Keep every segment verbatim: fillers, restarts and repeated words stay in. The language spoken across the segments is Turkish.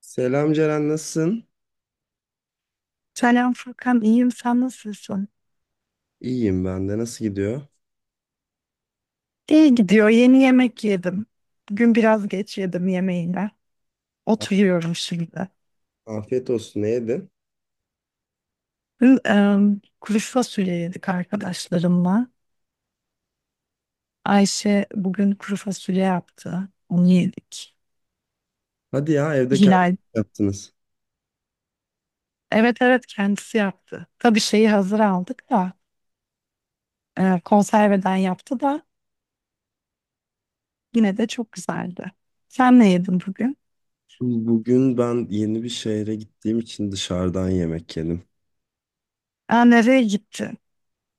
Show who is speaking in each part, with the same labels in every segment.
Speaker 1: Selam Ceren, nasılsın?
Speaker 2: Selam Furkan, iyiyim. Sen nasılsın?
Speaker 1: İyiyim ben de. Nasıl gidiyor?
Speaker 2: İyi gidiyor. Yeni yemek yedim. Bugün biraz geç yedim yemeğine.
Speaker 1: A-
Speaker 2: Oturuyorum şimdi.
Speaker 1: Afiyet olsun. Ne yedin?
Speaker 2: Dün em, kuru fasulye yedik arkadaşlarımla. Ayşe bugün kuru fasulye yaptı. Onu yedik.
Speaker 1: Hadi ya, evde kendiniz
Speaker 2: Hilal,
Speaker 1: yaptınız.
Speaker 2: evet evet kendisi yaptı. Tabii şeyi hazır aldık da e, konserveden yaptı da yine de çok güzeldi. Sen ne yedin bugün?
Speaker 1: Bugün ben yeni bir şehre gittiğim için dışarıdan yemek yedim.
Speaker 2: Aa, nereye gittin?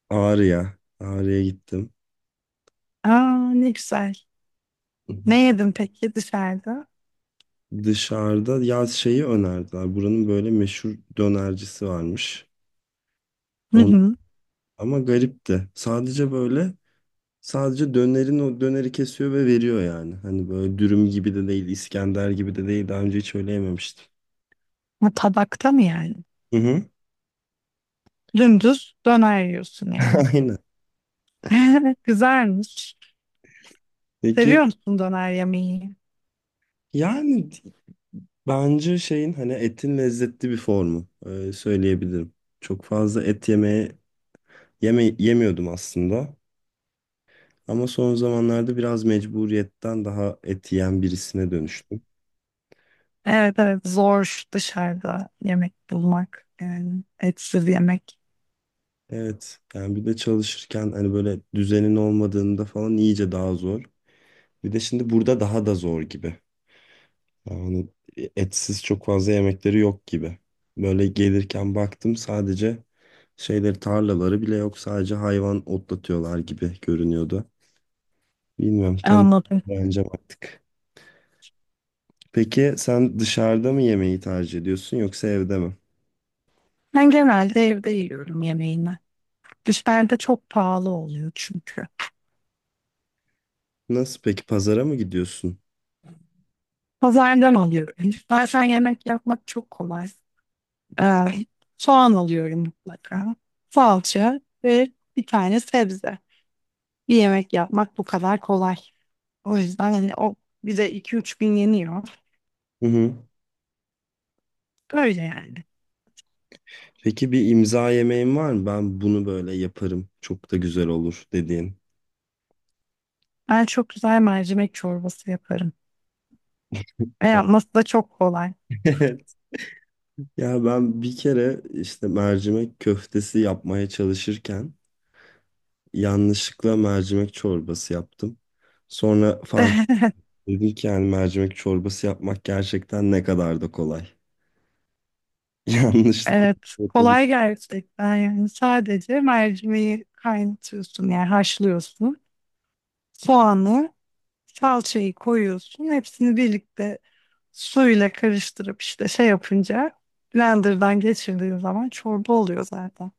Speaker 1: Ağrı'ya. Ağrı'ya gittim.
Speaker 2: Aa, ne güzel. Ne yedin peki dışarıda?
Speaker 1: Dışarıda ya şeyi önerdiler. Buranın böyle meşhur dönercisi varmış.
Speaker 2: Hı
Speaker 1: On,
Speaker 2: hı.
Speaker 1: ama garipti. Sadece böyle sadece dönerin o döneri kesiyor ve veriyor yani. Hani böyle dürüm gibi de değil, İskender gibi de değil. Daha önce hiç öyle yememiştim.
Speaker 2: Ha, tabakta mı yani?
Speaker 1: Hı hı.
Speaker 2: Dümdüz döner yiyorsun yani.
Speaker 1: Aynen.
Speaker 2: Güzelmiş.
Speaker 1: Peki,
Speaker 2: Seviyor musun döner yemeği?
Speaker 1: yani bence şeyin hani etin lezzetli bir formu e, söyleyebilirim. Çok fazla et yemeye yeme, yemiyordum aslında. Ama son zamanlarda biraz mecburiyetten daha et yiyen birisine dönüştüm.
Speaker 2: Evet evet zor dışarıda yemek bulmak. Yani etsiz yemek.
Speaker 1: Evet, yani bir de çalışırken hani böyle düzenin olmadığında falan iyice daha zor. Bir de şimdi burada daha da zor gibi. Yani etsiz çok fazla yemekleri yok gibi. Böyle gelirken baktım sadece şeyleri tarlaları bile yok. Sadece hayvan otlatıyorlar gibi görünüyordu. Bilmiyorum, tanı
Speaker 2: Anladım.
Speaker 1: bence artık. Peki, sen dışarıda mı yemeği tercih ediyorsun yoksa evde mi?
Speaker 2: Ben genelde evde yiyorum yemeğimi. Dışarıda çok pahalı oluyor çünkü.
Speaker 1: Nasıl peki, pazara mı gidiyorsun?
Speaker 2: Pazardan alıyorum. Bazen yemek yapmak çok kolay. Ee, soğan alıyorum mutlaka. Salça ve bir tane sebze. Bir yemek yapmak bu kadar kolay. O yüzden hani o bize iki üç gün yeniyor.
Speaker 1: Hı hı.
Speaker 2: Böyle yani.
Speaker 1: Peki bir imza yemeğin var mı? Ben bunu böyle yaparım. Çok da güzel olur dediğin.
Speaker 2: Ben çok güzel mercimek çorbası yaparım. Ve yapması da çok kolay.
Speaker 1: Ya ben bir kere işte mercimek köftesi yapmaya çalışırken yanlışlıkla mercimek çorbası yaptım. Sonra fark ettim ki yani mercimek çorbası yapmak gerçekten ne kadar da kolay. Yanlışlıkla
Speaker 2: Evet,
Speaker 1: yapabilirim,
Speaker 2: kolay gerçekten yani sadece mercimeği kaynatıyorsun yani haşlıyorsun. Soğanı, salçayı koyuyorsun. Hepsini birlikte suyla karıştırıp işte şey yapınca blenderdan geçirdiğin zaman çorba oluyor zaten.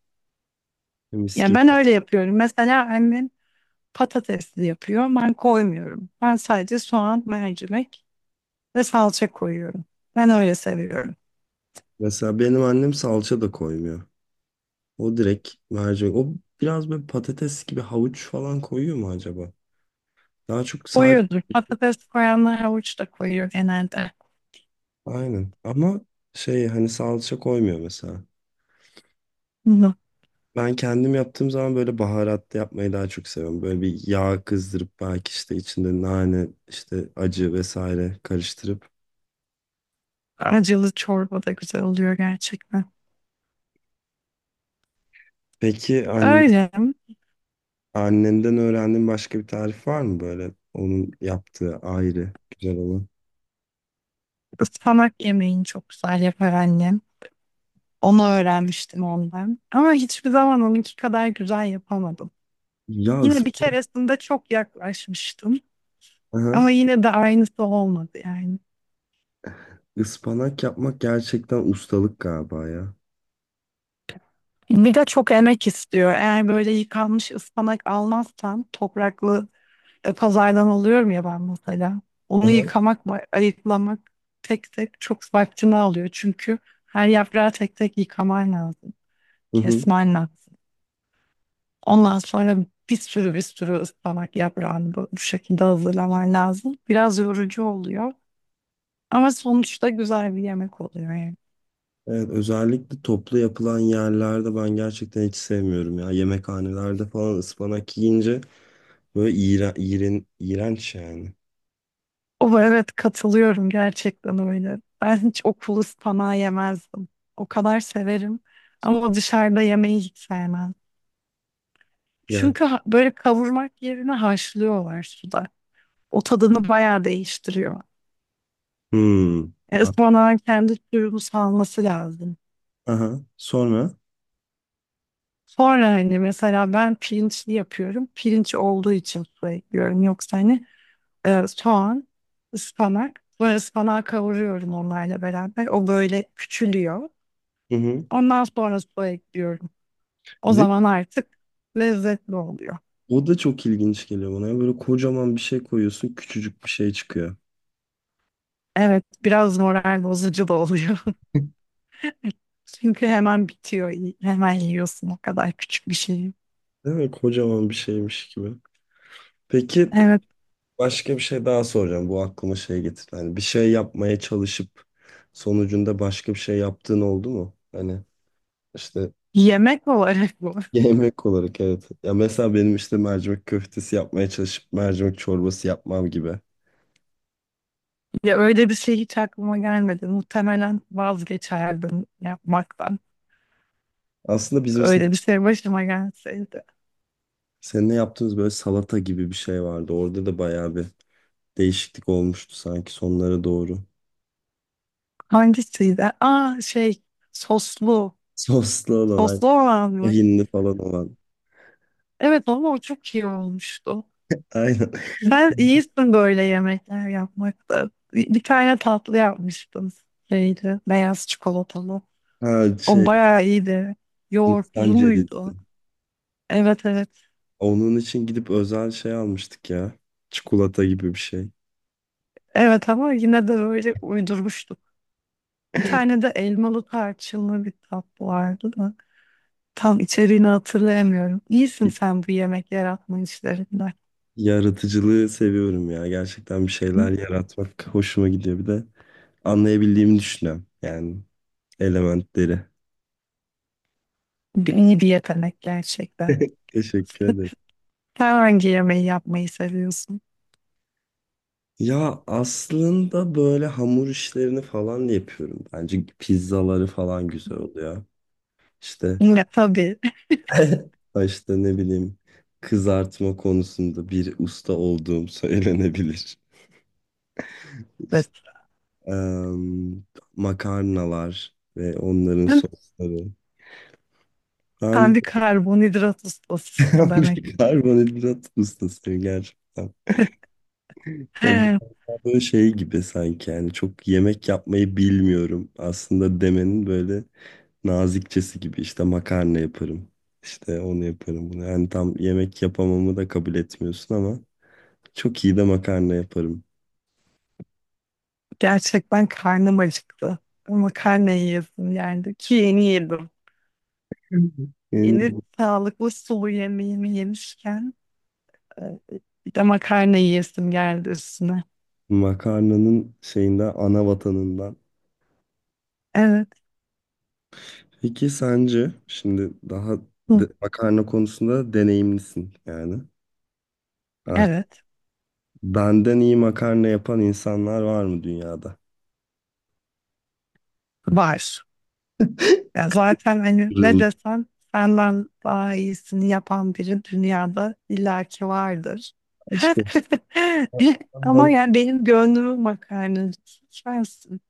Speaker 1: mis
Speaker 2: Ya
Speaker 1: gibi.
Speaker 2: ben öyle yapıyorum. Mesela annem patatesli yapıyor. Ben koymuyorum. Ben sadece soğan, mercimek ve salça koyuyorum. Ben öyle seviyorum.
Speaker 1: Mesela benim annem salça da koymuyor. O direkt mercimek. O biraz böyle patates gibi havuç falan koyuyor mu acaba? Daha çok sadece
Speaker 2: Koyuyordur. Patates koyanlar havuç da koyuyor genelde.
Speaker 1: aynen. Ama şey hani salça koymuyor mesela.
Speaker 2: Hı.
Speaker 1: Ben kendim yaptığım zaman böyle baharatlı yapmayı daha çok seviyorum. Böyle bir yağ kızdırıp belki işte içinde nane, işte acı vesaire karıştırıp.
Speaker 2: Acılı çorba da güzel oluyor gerçekten.
Speaker 1: Peki anne,
Speaker 2: Öyle.
Speaker 1: annenden öğrendiğin başka bir tarif var mı böyle? Onun yaptığı ayrı güzel olan.
Speaker 2: Ispanak yemeğini çok güzel yapar annem. Onu öğrenmiştim ondan. Ama hiçbir zaman onunki kadar güzel yapamadım.
Speaker 1: Ya
Speaker 2: Yine bir
Speaker 1: ısp-
Speaker 2: keresinde çok yaklaşmıştım.
Speaker 1: Aha,
Speaker 2: Ama yine de aynısı olmadı yani.
Speaker 1: ıspanak yapmak gerçekten ustalık galiba ya.
Speaker 2: Bir de çok emek istiyor. Eğer böyle yıkanmış ıspanak almazsam topraklı e, pazardan alıyorum ya ben mesela.
Speaker 1: Hı
Speaker 2: Onu
Speaker 1: hı.
Speaker 2: yıkamak, ba- ayıklamak tek tek çok vaktini alıyor. Çünkü her yaprağı tek tek yıkaman lazım.
Speaker 1: Hı hı.
Speaker 2: Kesmen lazım. Ondan sonra bir sürü bir sürü ıspanak yaprağını bu, bu şekilde hazırlaman lazım. Biraz yorucu oluyor. Ama sonuçta güzel bir yemek oluyor yani.
Speaker 1: Evet, özellikle toplu yapılan yerlerde ben gerçekten hiç sevmiyorum ya. Yemekhanelerde falan ıspanak yiyince böyle iğren, iğren, iğrenç yani.
Speaker 2: O evet katılıyorum gerçekten öyle. Ben hiç okulu ıspanağı yemezdim. O kadar severim ama dışarıda yemeyi hiç sevmem.
Speaker 1: Yani.
Speaker 2: Çünkü ha- böyle kavurmak yerine haşlıyorlar suda. O tadını bayağı değiştiriyor.
Speaker 1: Hmm.
Speaker 2: E,
Speaker 1: A-
Speaker 2: ıspanağın kendi suyunu salması lazım.
Speaker 1: Aha. Sonra.
Speaker 2: Sonra hani mesela ben pirinçli yapıyorum. Pirinç olduğu için su ekliyorum. Yoksa hani e, soğan, ıspanak. Sonra ıspanağı kavuruyorum onlarla beraber. O böyle küçülüyor.
Speaker 1: Hı hı.
Speaker 2: Ondan sonra su ekliyorum. O
Speaker 1: Değil mi?
Speaker 2: zaman artık lezzetli oluyor.
Speaker 1: O da çok ilginç geliyor bana ya. Böyle kocaman bir şey koyuyorsun, küçücük bir şey çıkıyor.
Speaker 2: Evet, biraz moral bozucu da oluyor. Çünkü hemen bitiyor. Hemen yiyorsun o kadar küçük bir şey.
Speaker 1: Değil mi? Kocaman bir şeymiş gibi. Peki,
Speaker 2: Evet,
Speaker 1: başka bir şey daha soracağım. Bu aklıma şey getirdi. Hani bir şey yapmaya çalışıp sonucunda başka bir şey yaptığın oldu mu? Hani işte
Speaker 2: yemek olarak bu.
Speaker 1: yemek olarak evet. Ya mesela benim işte mercimek köftesi yapmaya çalışıp mercimek çorbası yapmam gibi.
Speaker 2: Ya öyle bir şey hiç aklıma gelmedi. Muhtemelen vazgeçerdim yapmaktan.
Speaker 1: Aslında bizim
Speaker 2: Öyle bir şey başıma gelseydi.
Speaker 1: seninle yaptığımız böyle salata gibi bir şey vardı. Orada da bayağı bir değişiklik olmuştu sanki sonlara doğru.
Speaker 2: Hangisiydi? Aa şey soslu.
Speaker 1: Soslu olan, ay-
Speaker 2: Soslu olan mı?
Speaker 1: tahinli falan olan.
Speaker 2: Evet ama o çok iyi olmuştu.
Speaker 1: Aynen.
Speaker 2: Sen iyisin böyle yemekler yapmakta. Bir bir tane tatlı yapmıştım. Şeydi, beyaz çikolatalı.
Speaker 1: Ha
Speaker 2: O
Speaker 1: şey,
Speaker 2: bayağı iyiydi.
Speaker 1: Hindistan
Speaker 2: Yoğurtlu
Speaker 1: cevizi.
Speaker 2: muydu? Evet evet.
Speaker 1: Onun için gidip özel şey almıştık ya. Çikolata gibi bir şey.
Speaker 2: Evet ama yine de böyle uydurmuştuk. Bir tane de elmalı tarçınlı bir tatlı vardı da. Tam içeriğini hatırlayamıyorum. İyisin
Speaker 1: Y-
Speaker 2: sen bu yemek yaratma işlerinden.
Speaker 1: Yaratıcılığı seviyorum ya. Gerçekten bir şeyler
Speaker 2: Hı?
Speaker 1: yaratmak hoşuma gidiyor. Bir de anlayabildiğimi düşünüyorum. Yani elementleri.
Speaker 2: İyi bir yetenek gerçekten.
Speaker 1: Teşekkür ederim.
Speaker 2: Sen hangi yemeği yapmayı seviyorsun?
Speaker 1: Ya aslında böyle hamur işlerini falan da yapıyorum. Bence pizzaları falan güzel oluyor. İşte
Speaker 2: Yine tabii.
Speaker 1: işte ne bileyim, kızartma konusunda bir usta olduğum söylenebilir.
Speaker 2: Evet.
Speaker 1: İşte, em, makarnalar ve onların sosları. Ben
Speaker 2: Kendi karbonhidrat ustasısın demek.
Speaker 1: bir karbonhidrat ustasıyım gerçekten. Ya
Speaker 2: He,
Speaker 1: biraz böyle şey gibi sanki, yani çok yemek yapmayı bilmiyorum aslında demenin böyle nazikçesi gibi, işte makarna yaparım. İşte onu yaparım, bunu. Yani tam yemek yapamamı da kabul etmiyorsun ama çok iyi de makarna yaparım.
Speaker 2: gerçekten karnım acıktı. Makarna yiyesim geldi ki yeni yedim.
Speaker 1: Yani
Speaker 2: Yeni sağlıklı sulu yemeğimi yemişken e, bir de makarna yiyesim geldi üstüne.
Speaker 1: makarnanın şeyinden, ana vatanından.
Speaker 2: Evet.
Speaker 1: Peki sence şimdi daha
Speaker 2: Hı,
Speaker 1: de- makarna konusunda deneyimlisin yani. Artık
Speaker 2: evet.
Speaker 1: benden iyi makarna yapan insanlar var mı dünyada?
Speaker 2: Var. Ya zaten hani ne
Speaker 1: Kırıldı.
Speaker 2: desen senden daha iyisini yapan biri dünyada illaki vardır.
Speaker 1: Aşkım.
Speaker 2: Ama yani benim gönlümün makarnacısı sensin.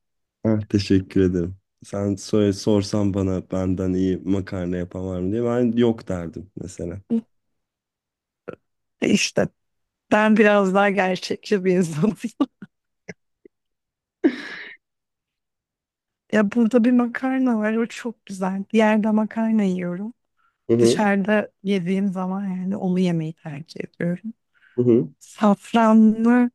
Speaker 1: Ah, teşekkür ederim. Sen söyle, sorsan bana benden iyi makarna yapan var mı diye ben yok derdim mesela.
Speaker 2: İşte ben biraz daha gerçekçi bir insanım. Ya burada bir makarna var, o çok güzel. Bir yerde makarna yiyorum.
Speaker 1: Hı hı.
Speaker 2: Dışarıda yediğim zaman yani onu yemeyi tercih ediyorum.
Speaker 1: Hı hı.
Speaker 2: Safranlı,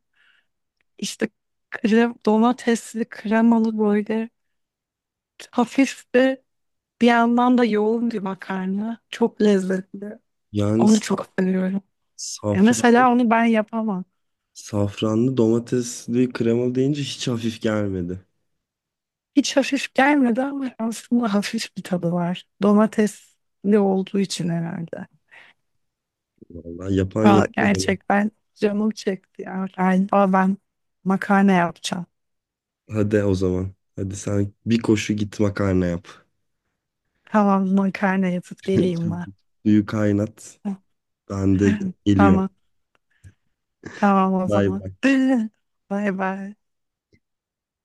Speaker 2: işte krem, domatesli, kremalı böyle hafif de bir yandan da yoğun bir makarna. Çok lezzetli.
Speaker 1: Yani
Speaker 2: Onu
Speaker 1: s-
Speaker 2: çok seviyorum. E
Speaker 1: safran,
Speaker 2: mesela onu ben yapamam.
Speaker 1: safranlı domatesli kremalı deyince hiç hafif gelmedi.
Speaker 2: Hiç hafif gelmedi ama aslında hafif bir tadı var. Domatesli olduğu için herhalde.
Speaker 1: Vallahi yapan
Speaker 2: Aa,
Speaker 1: yapıyor beni.
Speaker 2: gerçekten canım çekti ya. Yani, aa, ben makarna yapacağım.
Speaker 1: Hadi o zaman. Hadi sen bir koşu git makarna yap.
Speaker 2: Tamam makarna yapıp geleyim ben.
Speaker 1: Suyu kaynat. Ben de geliyorum.
Speaker 2: Tamam tamam o
Speaker 1: Bay
Speaker 2: zaman.
Speaker 1: bay.
Speaker 2: Bay bay.